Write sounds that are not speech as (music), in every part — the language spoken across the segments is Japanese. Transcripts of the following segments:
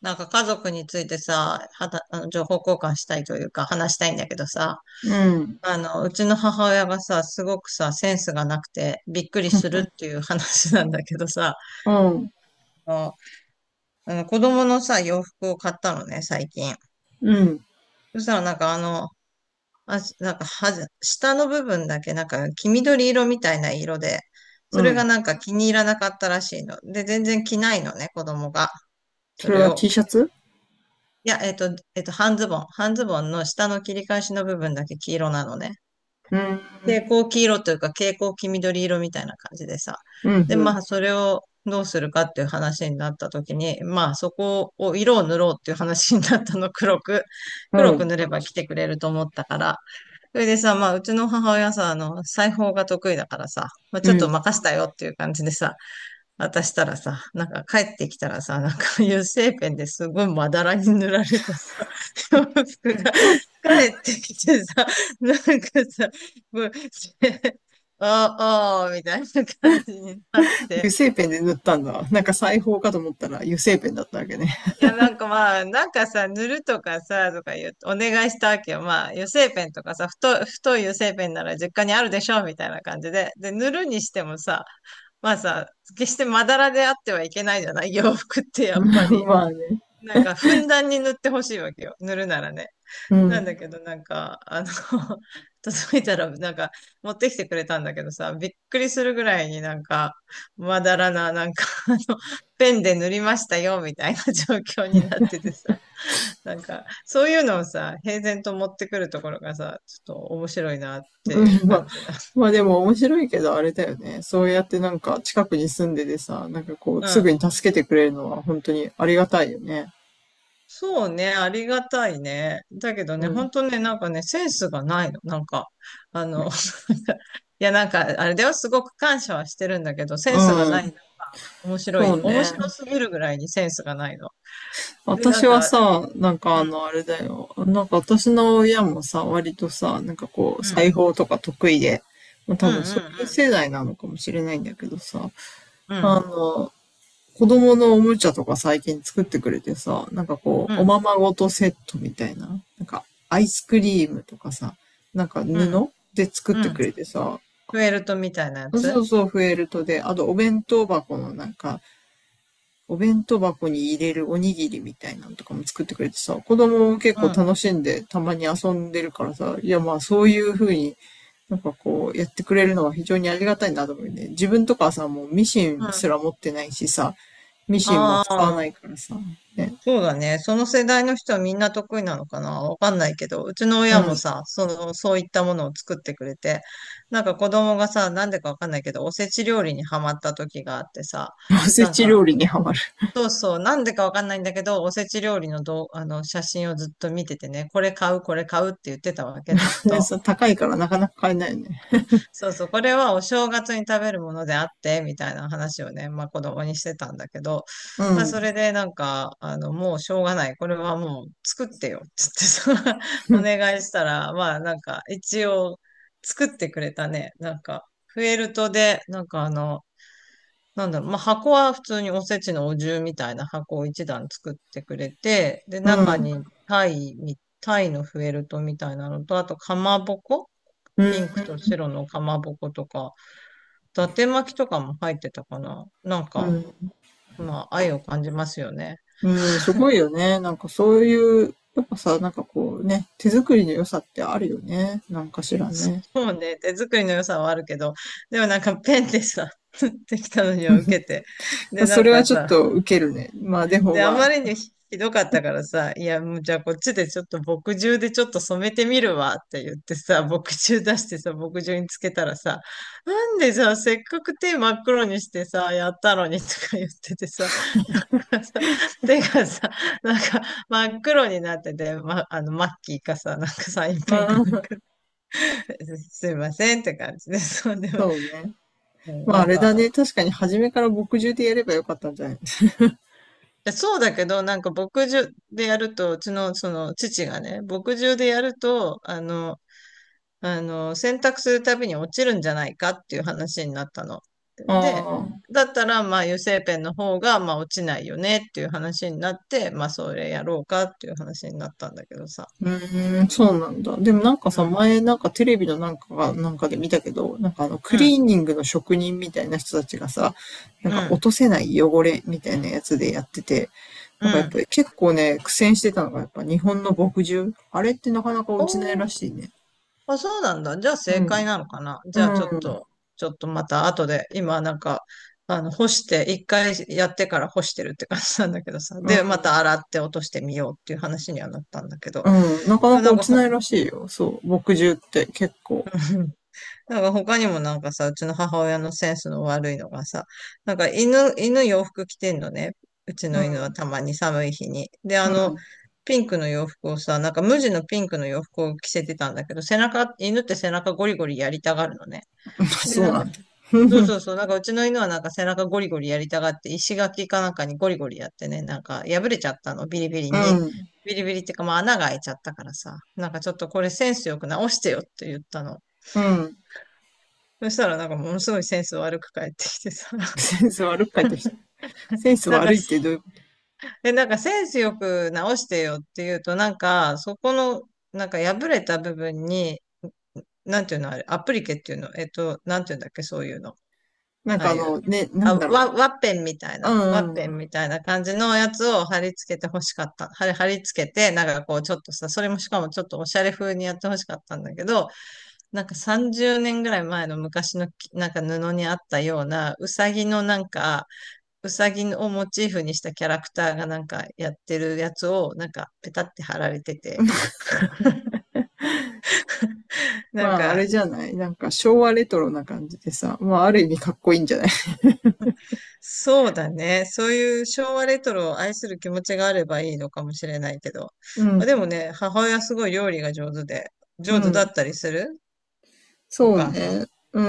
なんか家族についてさ、はた、あの、情報交換したいというか話したいんだけどさ、うん。うちの母親がさ、すごくさ、センスがなくてびっくりするっ (laughs) ていう話なんだけどさ、うん。あの、子供のさ、洋服を買ったのね、最近。うん。そしたらなんかあ、なんかはず、下の部分だけなんか黄緑色みたいな色で、うそれがん。なんか気に入らなかったらしいの。で、全然着ないのね、子供が。そそれれは を T 着シャてツいや、半ズボン。半ズボンの下の切り返しの部分だけ黄色なのね。うん。蛍光黄色というか蛍光黄緑色みたいな感じでさ。うん。うで、ん。まあ、それをどうするかっていう話になった時に、まあ、そこを色を塗ろうっていう話になったの、(laughs) 黒く。う黒くん。塗れば来てくれると思ったから。それでさ、まあ、うちの母親さ、裁縫が得意だからさ、まあ、うちょっとん。任せたよっていう感じでさ、渡したらさ、なんか帰ってきたらさ、なんか油性ペンですごいまだらに塗られたさ、洋服が帰ってきてさ、なんかさ、もう、ああー、みたいな感じになっ油て。性ペンで塗ったんだ。なんか裁縫かと思ったら油性ペンだったわけね。いや、なんかまあ、なんかさ、塗るとかさ、とか言う、お願いしたわけよ。まあ、油性ペンとかさ、太い油性ペンなら実家にあるでしょ、みたいな感じで。で、塗るにしてもさ、まあさ、決してまだらであってはいけないじゃない洋服って (laughs) やっぱり。まあね。なんか、ふんだんに塗ってほしいわけよ。塗るならね。うなんだん。けど、なんか、(laughs) 届いたら、なんか、持ってきてくれたんだけどさ、びっくりするぐらいになんか、まだらな、なんか、ペンで塗りましたよ、みたいな状況になっててさ、なんか、そういうのをさ、平然と持ってくるところがさ、ちょっと面白いなってういうん。まあ、感じだ。まあでも面白いけどあれだよね。そうやってなんか近くに住んでてさ、なんかこううすぐん。に助けてくれるのは本当にありがたいよね。そうね、ありがたいね。だけどね、うん。本当ね、なんかね、センスがないの。なんか、あの、(laughs) いや、なんか、あれではすごく感謝はしてるんだけど、センスがうないん。のが面白い。そう面ね。白すぎるぐらいにセンスがないの。で、な私んはか、うさ、なんかあの、あれだよ。なんか私の親もさ、割とさ、なんかこう、ん、うん、裁縫とか得意で、まあ、うん、多う分そういう世ん、代なのかもしれないんだけどさ、うあん、の、子供のおもちゃとか最近作ってくれてさ、なんかこうん、う、うおん、ままごとセットみたいな、なんかアイスクリームとかさ、なんかうん、布で作ってうん、くれてさ、フェルトみたいなやつそうそう、フェルトで、あとお弁当箱のなんか、お弁当箱に入れるおにぎりみたいなのとかも作ってくれてさ、子供も結う構ん、楽しんでたまに遊んでるからさ、いやまあそういう風になんかこうやってくれるのは非常にありがたいなと思うね。自分とかさ、もうミシうンすん、ら持ってないしさ、ミシンも使わなあいあからさ、ね。そうだね。その世代の人はみんな得意なのかなわかんないけど、うちのう親もん。さ、その、そういったものを作ってくれて、なんか子供がさ、なんでかわかんないけど、おせち料理にハマった時があってさ、おせなんち料か、理にハマる。そうそう、なんでかわかんないんだけど、おせち料理のどう、写真をずっと見ててね、これ買う、これ買うって言ってたわけ、ずっと。(laughs) 高いからなかなか買えないよね。そうそう、これはお正月に食べるものであって、みたいな話をね、まあ子供にしてたんだけど、うまあん。それでなんか、もうしょうがない。これはもう作ってよ。つってさ、(laughs) お願 (laughs) いしたら、まあなんか一応作ってくれたね。なんか、フェルトで、なんかなんだろう、まあ箱は普通におせちのお重みたいな箱を一段作ってくれて、で、う中ん。にタイのフェルトみたいなのと、あとかまぼこうピンクん。と白のかまぼことか、伊達巻きとかも入ってたかな。なんうか、ん。まあ、愛を感じますよね。うん、すごいよね。なんかそういう、やっぱさ、なんかこうね、手作りの良さってあるよね。なんかしらね。(laughs) もうね、手作りの良さはあるけど、でもなんかペンでさ、(laughs) できたのには受けて。で、そなんれはかちょっさ、とウケるね。まあでもで、あままりあ、にひどかったからさ、いや、もうじゃあこっちでちょっと墨汁でちょっと染めてみるわって言ってさ、(laughs) 墨汁出してさ、墨汁につけたらさ、なんでさ、せっかく手真っ黒にしてさ、やったのにとか言っててさ、(laughs) なんかさ、手がさ、なんか真っ黒になってて、ま、マッキーかさ、なんかサインまペンかなんあ、か、(laughs) すいませんって感じで、そうでも、そうね。まあなあんれだね。か、確かに初めから墨汁でやればよかったんじゃないですでそうだけど、なんか牧場でやると、うちのその父がね、牧場でやると、洗濯するたびに落ちるんじゃないかっていう話になったの。かで、ああ。だったら、まあ、油性ペンの方が、まあ、落ちないよねっていう話になって、まあ、それやろうかっていう話になったんだけどさ。うーん、そうなんだ。でもなんかうさ、ん、前なんかテレビのなんかが、なんかで見たけど、なんかあのクうん、リーニングの職人みたいな人たちがさ、なんうか落ん、とせない汚れみたいなやつでやってて、うなんかやっん。ぱり結構ね、苦戦してたのが、やっぱ日本の墨汁。あれってなかなかお落ちないらしーいね。あ、そうなんだ。じゃあう正解ん。なのかな。うじゃあちょっん。と、ちょっとまた後で、今なんか、干して、一回やってから干してるって感じなんだけどさ。うん。で、また洗って落としてみようっていう話にはなったんだけど。うん。なかでなもかなん落かちほ、ないらしいよ。そう。墨汁って結構。(laughs) なんか他にもなんかさ、うちの母親のセンスの悪いのがさ、なんか犬洋服着てんのね。うちうの犬はん。たまに寒い日に。で、うん。ピンクの洋服をさ、なんか無地のピンクの洋服を着せてたんだけど、背中、犬って背中ゴリゴリやりたがるのね。(laughs) で、そうなんなか、んだ。(laughs) そううそうそう、なんかうちの犬はなんか背中ゴリゴリやりたがって、石垣かなんかにゴリゴリやってね、なんか破れちゃったの、ビリビリに。ん。ビリビリってか、まあ穴が開いちゃったからさ、なんかちょっとこれセンスよく直してよって言ったの。うん。そしたらなんかものすごいセンス悪く返ってきてさ、センス悪く帰ってきた。(laughs) センスなんか、悪いってどういう、え、なんかセンスよく直してよって言うと、なんかそこの、なんか破れた部分に、なんていうのあれ、アプリケっていうの、なんていうんだっけ、そういうの。なんあかああいう。の、ね、なあ、んだろワッペンみたいう。な、うワんッうペん。ンみたいな感じのやつを貼り付けて欲しかった。貼り付けて、なんかこうちょっとさ、それもしかもちょっとおしゃれ風にやって欲しかったんだけど、なんか30年ぐらい前の昔のきなんか布にあったような、うさぎのなんか、うさぎをモチーフにしたキャラクターがなんかやってるやつをなんかペタって貼られてて、なんまあ、あれか、じゃないなんか昭和レトロな感じでさ、まあ、ある意味かっこいいんじゃない？ そうだね。そういう昭和レトロを愛する気持ちがあればいいのかもしれないけど。(laughs) うあでもん。ね、母親すごい料理が上手で、う上手だん。ったりするおそう母さん。ね。う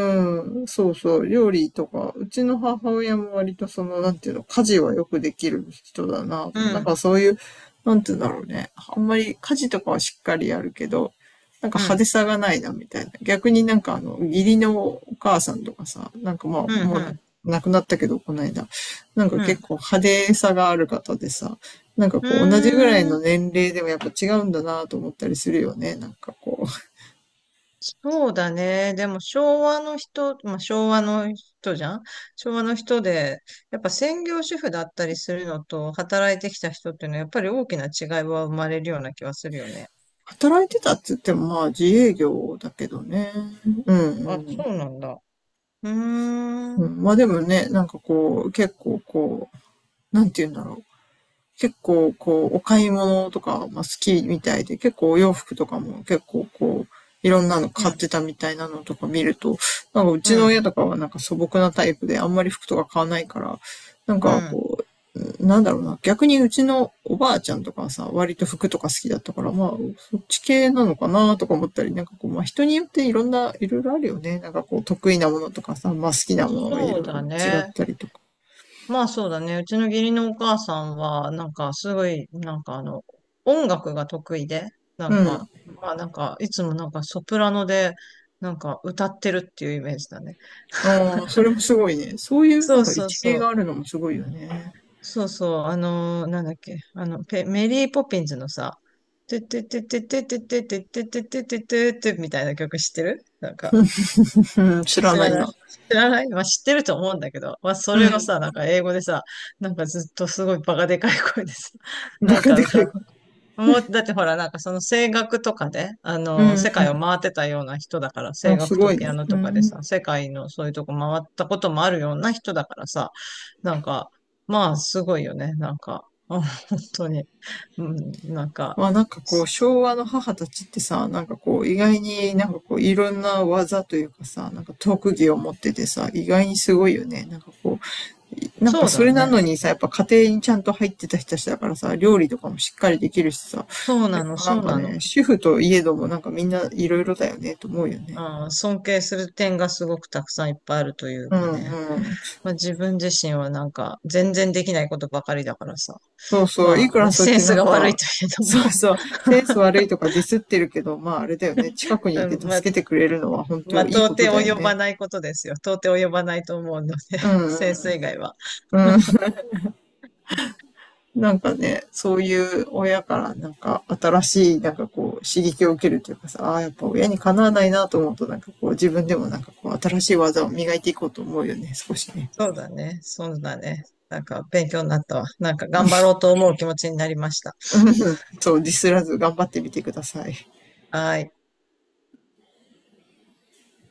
ん。そうそう。料理とか、うちの母親も割とその、なんていうの、家事はよくできる人だな。うなんん、かそういう、なんていうんだろうね。あんまり家事とかはしっかりやるけど、なんかう派手ん、さがないな、みたいな。逆になんかあの、義理のお母さんとかさ、なんかまあ、うん、もううな、ん、亡くなったけど、この間。なんかうん。結構派手さがある方でさ、なんかうこう、同じぐらいーのん、年齢でもやっぱ違うんだなと思ったりするよね。なんかこう。そうだね。でも昭和の人、まあ、昭和の人じゃん昭和の人で、やっぱ専業主婦だったりするのと働いてきた人っていうのはやっぱり大きな違いは生まれるような気はするよね。働いてたっつっても、まあ自営業だけどね。うんあ、うそん。うなんだ。うーん、ううん、まあでもね、なんかこう、結構こう、なんて言うんだろう。結構こう、お買い物とか、まあ、好きみたいで、結構お洋服とかも結構こう、いろんなのん、買ってたみたいなのとか見ると、なんかううちのん。親とかはなんか素朴なタイプであんまり服とか買わないから、なんうかん。こう、なんだろうな、逆にうちのおばあちゃんとかはさ、割と服とか好きだったから、まあ、そっち系なのかなとか思ったり、なんかこう、まあ人によっていろんな、いろいろあるよね。なんかこう、得意なものとかさ、まあ好きなものがいそうろいろだ違っね。たりとか。まあそうだね。うちの義理のお母さんは、なんかすごい、なんか音楽が得意で、なうんん。か、まあなんか、いつもなんかソプラノで、なんか歌ってるっていうイメージだね。ああ、それもすごいね。そういうなそんうかそう一芸そがあう。るのもすごいよね。そうそう。あのーなんだっけ。ペメリーポピンズのさ、てててててててててててててててみたいな曲知ってるなんか。うん、知ら知ならいない。な。知らない。まあ、知ってると思うんだけど、まあ、そうれをさ、ん。なんか英語でさ、なんかずっとすごいバカでかい声でさ、(laughs) バなんカかでか歌いっ声。もう、だってほら、なんかその声楽とかで、うんう世界を回ってたような人だから、ん。声あ、す楽とごいピアね。ノうとかでん。さ、世界のそういうとこ回ったこともあるような人だからさ、なんか、まあ、すごいよね。なんか、あ本当に。うん、なんか、まあなんかこう、昭和の母たちってさ、なんかこう、意外になんかこう、いろんな技というかさ、なんか特技を持っててさ、意外にすごいよね。なんかこう、なんかそうそだれなね。のにさ、やっぱ家庭にちゃんと入ってた人たちだからさ、料理とかもしっかりできるしさ、そうなの、なそんうかなの。ね、主婦といえどもなんかみんないろいろだよね、と思うよね。うん、尊敬する点がすごくたくさんいっぱいあるといううかんね。うん。まあ、自分自身はなんか全然できないことばかりだからさ。そうそう。まいくあ、ねらそうやっセンてなスんが悪いか、といえどそうも、そう。センス悪いとかディスってるけど、まああれだよね。近くにいうてんまあ、助けてくれるのは本まあ、当いい到こ底とだよ及ばね。ないことですよ。到底及ばないと思うので、う (laughs) んうセンスん。以外は。うん。(laughs) なんかね、そういう親からなんか新しいなんかこう刺激を受けるというかさ、ああー、やっぱ親にかなわないなと思うとなんかこう自分でもなんかこう新しい技を磨いていこうと思うよね、少しね。そうだね。そうだね。なんか勉強になったわ。なんか頑張ろうと思う気持ちになりました。うん。そう、ディスらず頑張ってみてください。はーい。